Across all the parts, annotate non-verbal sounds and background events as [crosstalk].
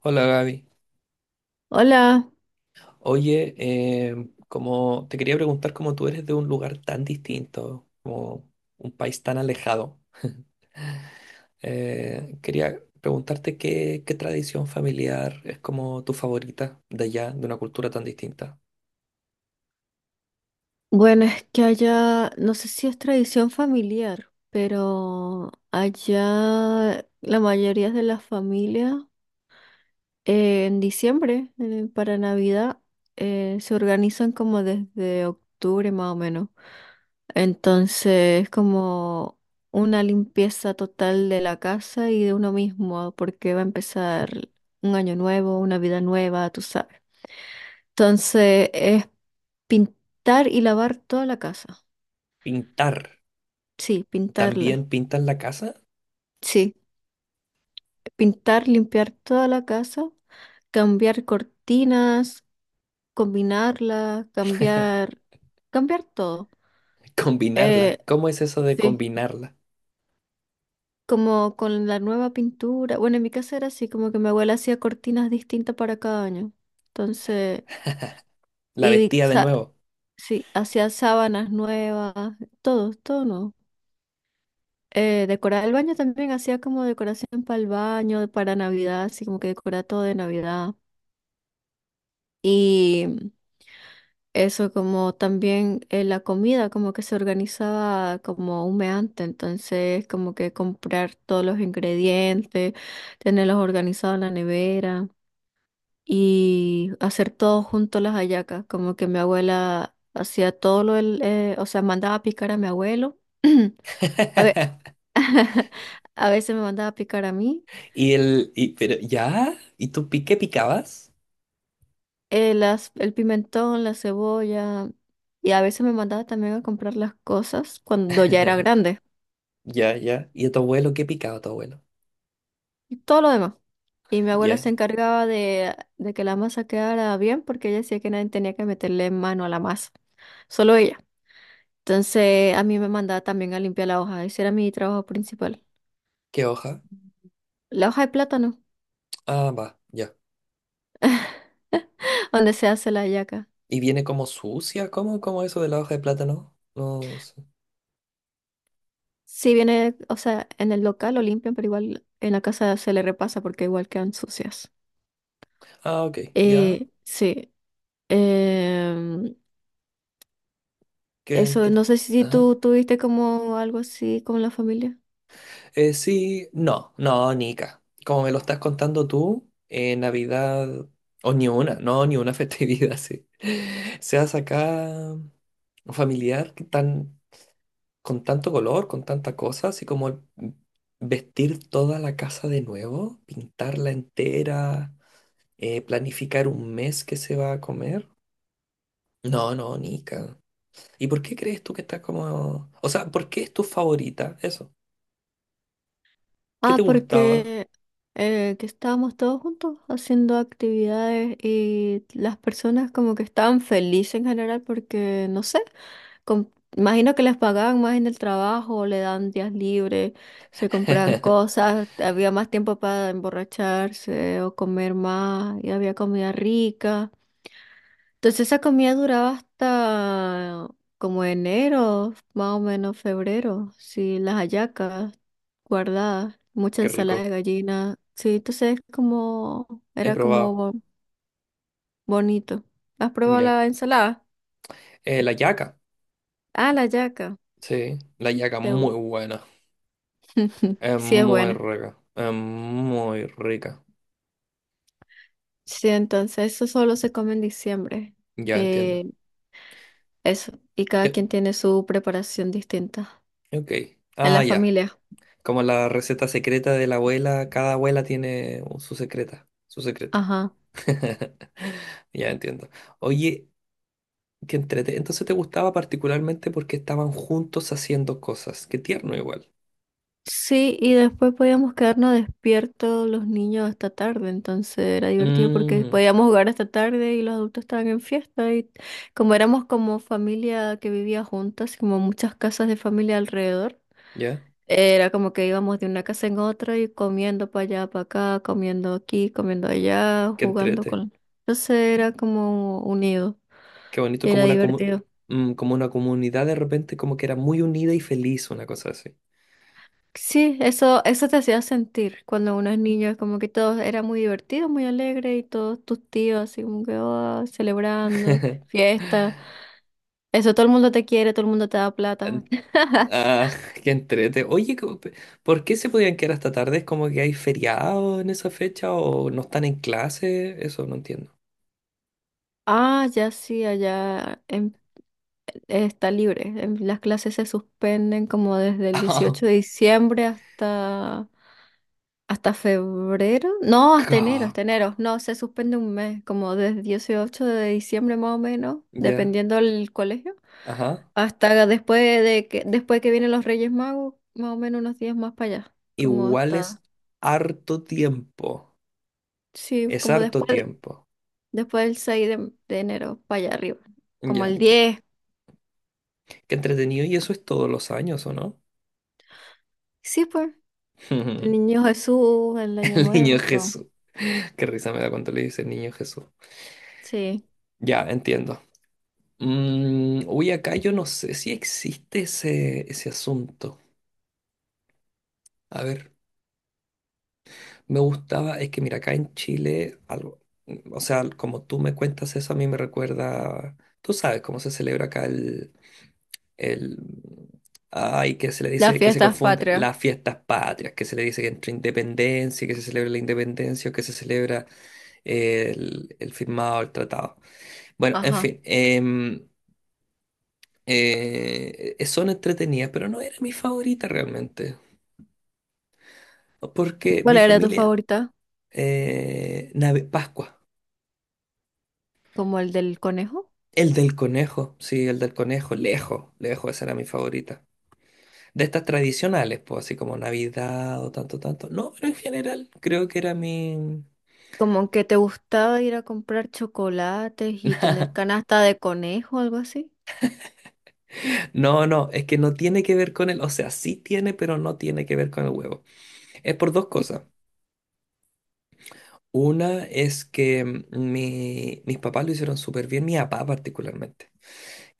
Hola Gaby. Hola, Oye, como te quería preguntar, como tú eres de un lugar tan distinto, como un país tan alejado, [laughs] quería preguntarte qué tradición familiar es como tu favorita de allá, de una cultura tan distinta. bueno, es que allá, no sé si es tradición familiar, pero allá la mayoría de las familias en diciembre, para Navidad, se organizan como desde octubre más o menos. Entonces es como una limpieza total de la casa y de uno mismo, porque va a empezar un año nuevo, una vida nueva, tú sabes. Entonces es pintar y lavar toda la casa. Pintar. Sí, pintarla. ¿También pintan la casa? Sí, pintar, limpiar toda la casa, cambiar cortinas, combinarla, cambiar, cambiar todo. [laughs] Eh, Combinarla. ¿Cómo es eso de sí, combinarla? como con la nueva pintura. Bueno, en mi casa era así, como que mi abuela hacía cortinas distintas para cada año. Entonces, La y vestía de sa- nuevo. sí, hacía sábanas nuevas, todo, todo no. Decorar el baño también hacía como decoración para el baño, para Navidad, así como que decoraba todo de Navidad. Y Eso como también la comida como que se organizaba como humeante, entonces como que comprar todos los ingredientes, tenerlos organizados en la nevera y hacer todo junto las hallacas, como que mi abuela hacía todo o sea, mandaba a picar a mi abuelo, [clears throat] a ve- [laughs] a veces me mandaba a picar a mí, ¿ya? ¿Y tú qué picabas? El pimentón, la cebolla y a veces me mandaba también a comprar las cosas cuando ya era grande Ya. ¿Y a tu abuelo qué picaba tu abuelo? y todo lo demás. Y mi abuela Ya. se encargaba de que la masa quedara bien porque ella decía que nadie tenía que meterle mano a la masa, solo ella. Entonces a mí me mandaba también a limpiar la hoja, ese era mi trabajo principal. ¿Qué hoja? La hoja de plátano, Ah, va, ya. [laughs] donde se hace la hallaca. ¿Y viene como sucia? ¿Cómo eso de la hoja de plátano? No sé. Si viene, o sea, en el local lo limpian, pero igual en la casa se le repasa porque igual quedan sucias. Ah, ok, ya. Sí, em, Que eso, entre... no sé si Ajá. tú tuviste como algo así con la familia. Sí, no, Nica. Como me lo estás contando tú, Navidad, o ni una, no, ni una festividad, [laughs] sí. Seas acá familiar, que tan, con tanto color, con tanta cosa, así como vestir toda la casa de nuevo, pintarla entera. Planificar un mes que se va a comer. No, no, Nika. ¿Y por qué crees tú que está como... O sea, ¿por qué es tu favorita? Eso. ¿Qué te Ah, gustaba? porque que estábamos todos juntos haciendo actividades y las personas como que estaban felices en general porque, no sé, com- imagino que les pagaban más en el trabajo, le dan días libres, se compraban [laughs] cosas, había más tiempo para emborracharse o comer más y había comida rica. Entonces esa comida duraba hasta como enero, más o menos febrero, sí, las hallacas guardada, mucha Qué ensalada de rico. gallina. Sí, entonces es como, He era como probado. Bonito. ¿Has probado Ya. la ensalada? La yaca. Ah, la yaca. Sí, la yaca Te gu- muy buena. [laughs] Es Sí, es muy buena. rica. Es muy rica. Sí, entonces eso solo se come en diciembre. Ya entiendo. Eh, eso. Y cada Ya, quien tiene su preparación distinta ok. en Ah, la ya. familia. Como la receta secreta de la abuela, cada abuela tiene su secreta. Su secreto. Ajá. [laughs] Ya entiendo. Oye, qué entrete. Entonces te gustaba particularmente porque estaban juntos haciendo cosas. Qué tierno igual. Sí, y después podíamos quedarnos despiertos los niños hasta tarde, entonces era divertido porque Mm, podíamos jugar hasta tarde y los adultos estaban en fiesta y como éramos como familia que vivía juntas, como muchas casas de familia alrededor, ya. era como que íbamos de una casa en otra y comiendo para allá, para acá, comiendo aquí, comiendo allá, Qué jugando entrete. con... Entonces era como unido, Qué bonito como era una divertido. mm, como una comunidad de repente como que era muy unida y feliz, una cosa así. Sí, eso te hacía sentir cuando uno es niño, es como que todo era muy divertido, muy alegre y todos tus tíos así como que "Ah", celebrando, [laughs] fiesta. Eso todo el mundo te quiere, todo el mundo te da plata. En- [laughs] Ah, [laughs] qué entrete. Oye, ¿por qué se podían quedar hasta tarde? ¿Es como que hay feriado en esa fecha o no están en clase? Eso no entiendo. Ah, ya sí, allá está libre. Las clases se suspenden como desde el 18 de [laughs] diciembre hasta, hasta febrero. No, Ah, hasta enero, ca- hasta enero. No, se suspende un mes, como desde 18 de diciembre más o menos, ya. dependiendo del colegio. Ajá. Hasta después de después que vienen los Reyes Magos, más o menos unos días más para allá. Como Igual hasta, es harto tiempo. sí, Es como harto después, tiempo. después del 6 de enero, para allá arriba. Como Ya, el diez. qué entretenido. ¿Y eso es todos los años, o no? Sí, pues. El [laughs] Niño Jesús, el Año El niño Nuevo, todo. Jesús. Qué risa me da cuando le dice niño Jesús. Sí. Ya, entiendo. Mm, uy, acá yo no sé si existe ese asunto. A ver, me gustaba, es que mira, acá en Chile, algo, o sea, como tú me cuentas eso, a mí me recuerda, tú sabes cómo se celebra acá el, ay, que se le Las dice que se fiestas confunde patrias. las fiestas patrias, que se le dice que entre independencia, que se celebra la independencia o que se celebra el firmado, el tratado. Bueno, en Ajá. fin, son entretenidas, pero no era mi favorita realmente, porque ¿Cuál mi era tu familia, favorita? Pascua, ¿Como el del conejo? el del conejo, sí, el del conejo, lejos, lejos, esa era mi favorita. De estas tradicionales, pues así como Navidad o tanto, tanto. No, pero en general creo que era mi... Como que te gustaba ir a comprar chocolates y tener [laughs] canasta de conejo, algo así. No, no, es que no tiene que ver con el... O sea, sí tiene, pero no tiene que ver con el huevo. Es por dos cosas. Una es que mm, mis papás lo hicieron súper bien, mi papá particularmente.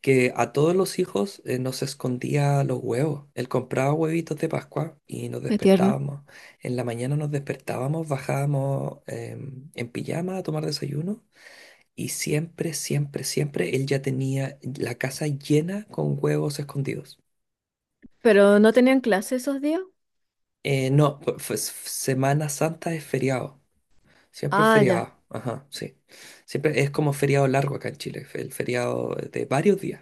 Que a todos los hijos nos escondía los huevos. Él compraba huevitos de Pascua y nos Qué tierno. despertábamos. En la mañana nos despertábamos, bajábamos en pijama a tomar desayuno. Y siempre, siempre, siempre él ya tenía la casa llena con huevos escondidos. Pero no tenían clase esos días. No, fu- fu- Semana Santa es feriado. Siempre es Ah, ya. feriado. Ajá, sí. Siempre es como feriado largo acá en Chile. El feriado de varios días.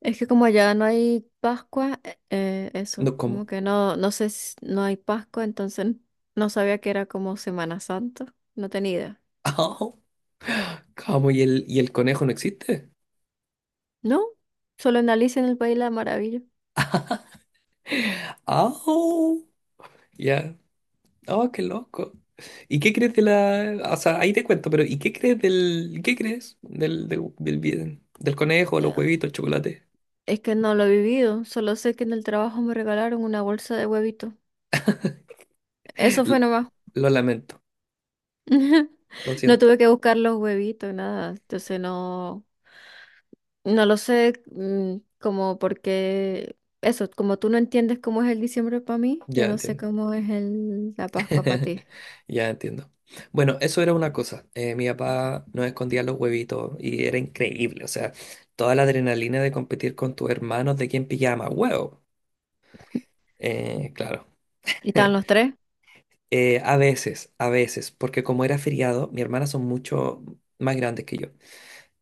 Es que como allá no hay Pascua, eso, No, como ¿cómo? que no, no sé si no hay Pascua, entonces no sabía que era como Semana Santa, no tenía idea. [laughs] ¡Au! ¿Cómo? ¿Y el conejo no existe? No, solo en Alicia en el País de la Maravilla. ¡Au! Ya. ¡Oh, qué loco! ¿Y qué crees de la...? O sea, ahí te cuento, pero ¿y qué crees del... ¿Qué crees del conejo, los Eh, huevitos, el chocolate? Es que no lo he vivido, solo sé que en el trabajo me regalaron una bolsa de huevitos. Eso fue L- nomás. Lo lamento, [laughs] lo No siento. tuve que buscar los huevitos, nada. Entonces no, no lo sé, mm, como porque eso, como tú no entiendes cómo es el diciembre para mí, yo Ya no sé entiendo. cómo es la Pascua para [laughs] ti. Ya entiendo. Bueno, eso era una cosa. Mi papá nos escondía los huevitos y era increíble. O sea, toda la adrenalina de competir con tus hermanos de quién pillaba más huevo. Claro. ¿Y estaban los [laughs] tres? A veces, porque como era feriado, mis hermanas son mucho más grandes que yo.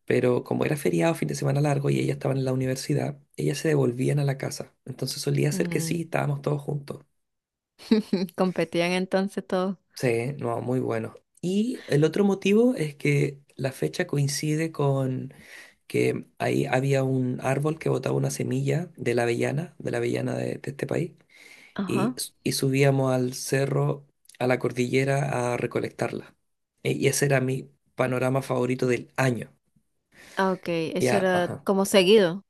Pero como era feriado, fin de semana largo y ellas estaban en la universidad, ellas se devolvían a la casa. Entonces solía ser que Mm, sí, estábamos todos juntos. [laughs] competían entonces todos. Sí, no, muy bueno. Y el otro motivo es que la fecha coincide con que ahí había un árbol que botaba una semilla de la avellana, de la avellana de este país, Ajá. Y subíamos al cerro, a la cordillera, a recolectarla. Y ese era mi panorama favorito del año. Ah, ok. Eso Ya, era ajá. como seguido.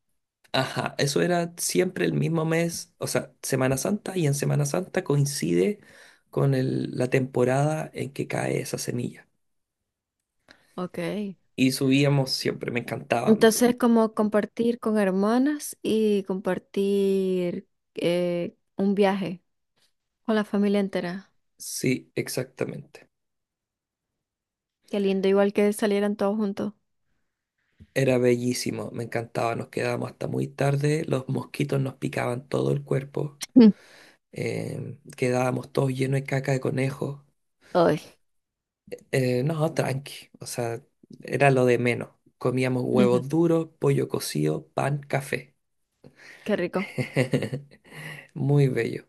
Ajá, eso era siempre el mismo mes, o sea, Semana Santa, y en Semana Santa coincide con la temporada en que cae esa semilla. Ok. Y subíamos siempre, me encantaban. Entonces, como compartir con hermanas y compartir un viaje con la familia entera. Sí, exactamente. Qué lindo, igual que salieran todos juntos. Era bellísimo, me encantaba. Nos quedábamos hasta muy tarde, los mosquitos nos picaban todo el cuerpo, Mm. Quedábamos todos llenos de caca de conejo. Ay, No, tranqui, o sea, era lo de menos. Comíamos huevos [laughs] duros, pollo cocido, pan, café. qué rico. [laughs] Muy bello.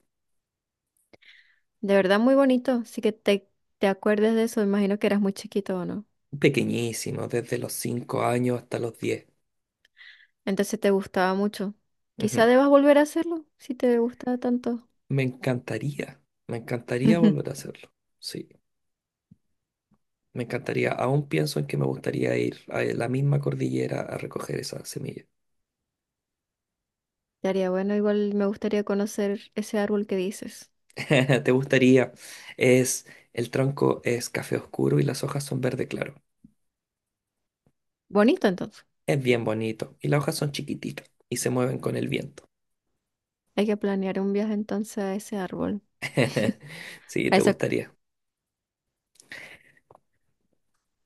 De verdad, muy bonito. Así que te acuerdes de eso. Imagino que eras muy chiquito o no. Pequeñísimo, desde los 5 años hasta los 10. Entonces te gustaba mucho. Quizá Ujú. debas volver a hacerlo si te gustaba tanto. Me encantaría, me encantaría volver a [laughs] hacerlo. Sí. Me encantaría, aún pienso en que me gustaría ir a la misma cordillera a recoger esa semilla. Estaría bueno, igual me gustaría conocer ese árbol que dices. [laughs] ¿Te gustaría? Es, el tronco es café oscuro y las hojas son verde claro. Bonito entonces. Es bien bonito y las hojas son chiquititas y se mueven con el viento. Hay que planear un viaje entonces a ese árbol. [laughs] Sí, A te esa... gustaría.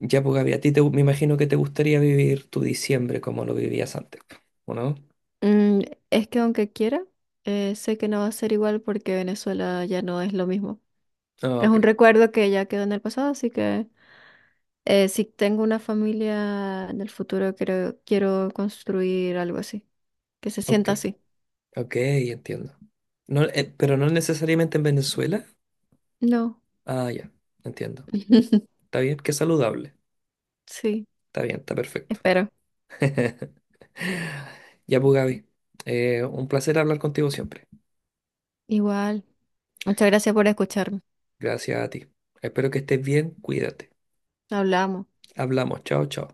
Ya, pues Gaby, a ti te, me imagino que te gustaría vivir tu diciembre como lo vivías antes, ¿o no? Mm, es que aunque quiera, sé que no va a ser igual porque Venezuela ya no es lo mismo. Ah, Es ok, un recuerdo que ya quedó en el pasado, así que si tengo una familia en el futuro, quiero, quiero construir algo así, que se ok, sienta así. ok, entiendo. No, pero no necesariamente en Venezuela. No. Ah, ya, entiendo. [laughs] Está bien, qué saludable. Sí, Está bien, está perfecto. espero. [laughs] Ya pues, Gaby, un placer hablar contigo siempre. Igual. Muchas gracias por escucharme. Gracias a ti. Espero que estés bien, cuídate. Hablamos. Hablamos, chao, chao.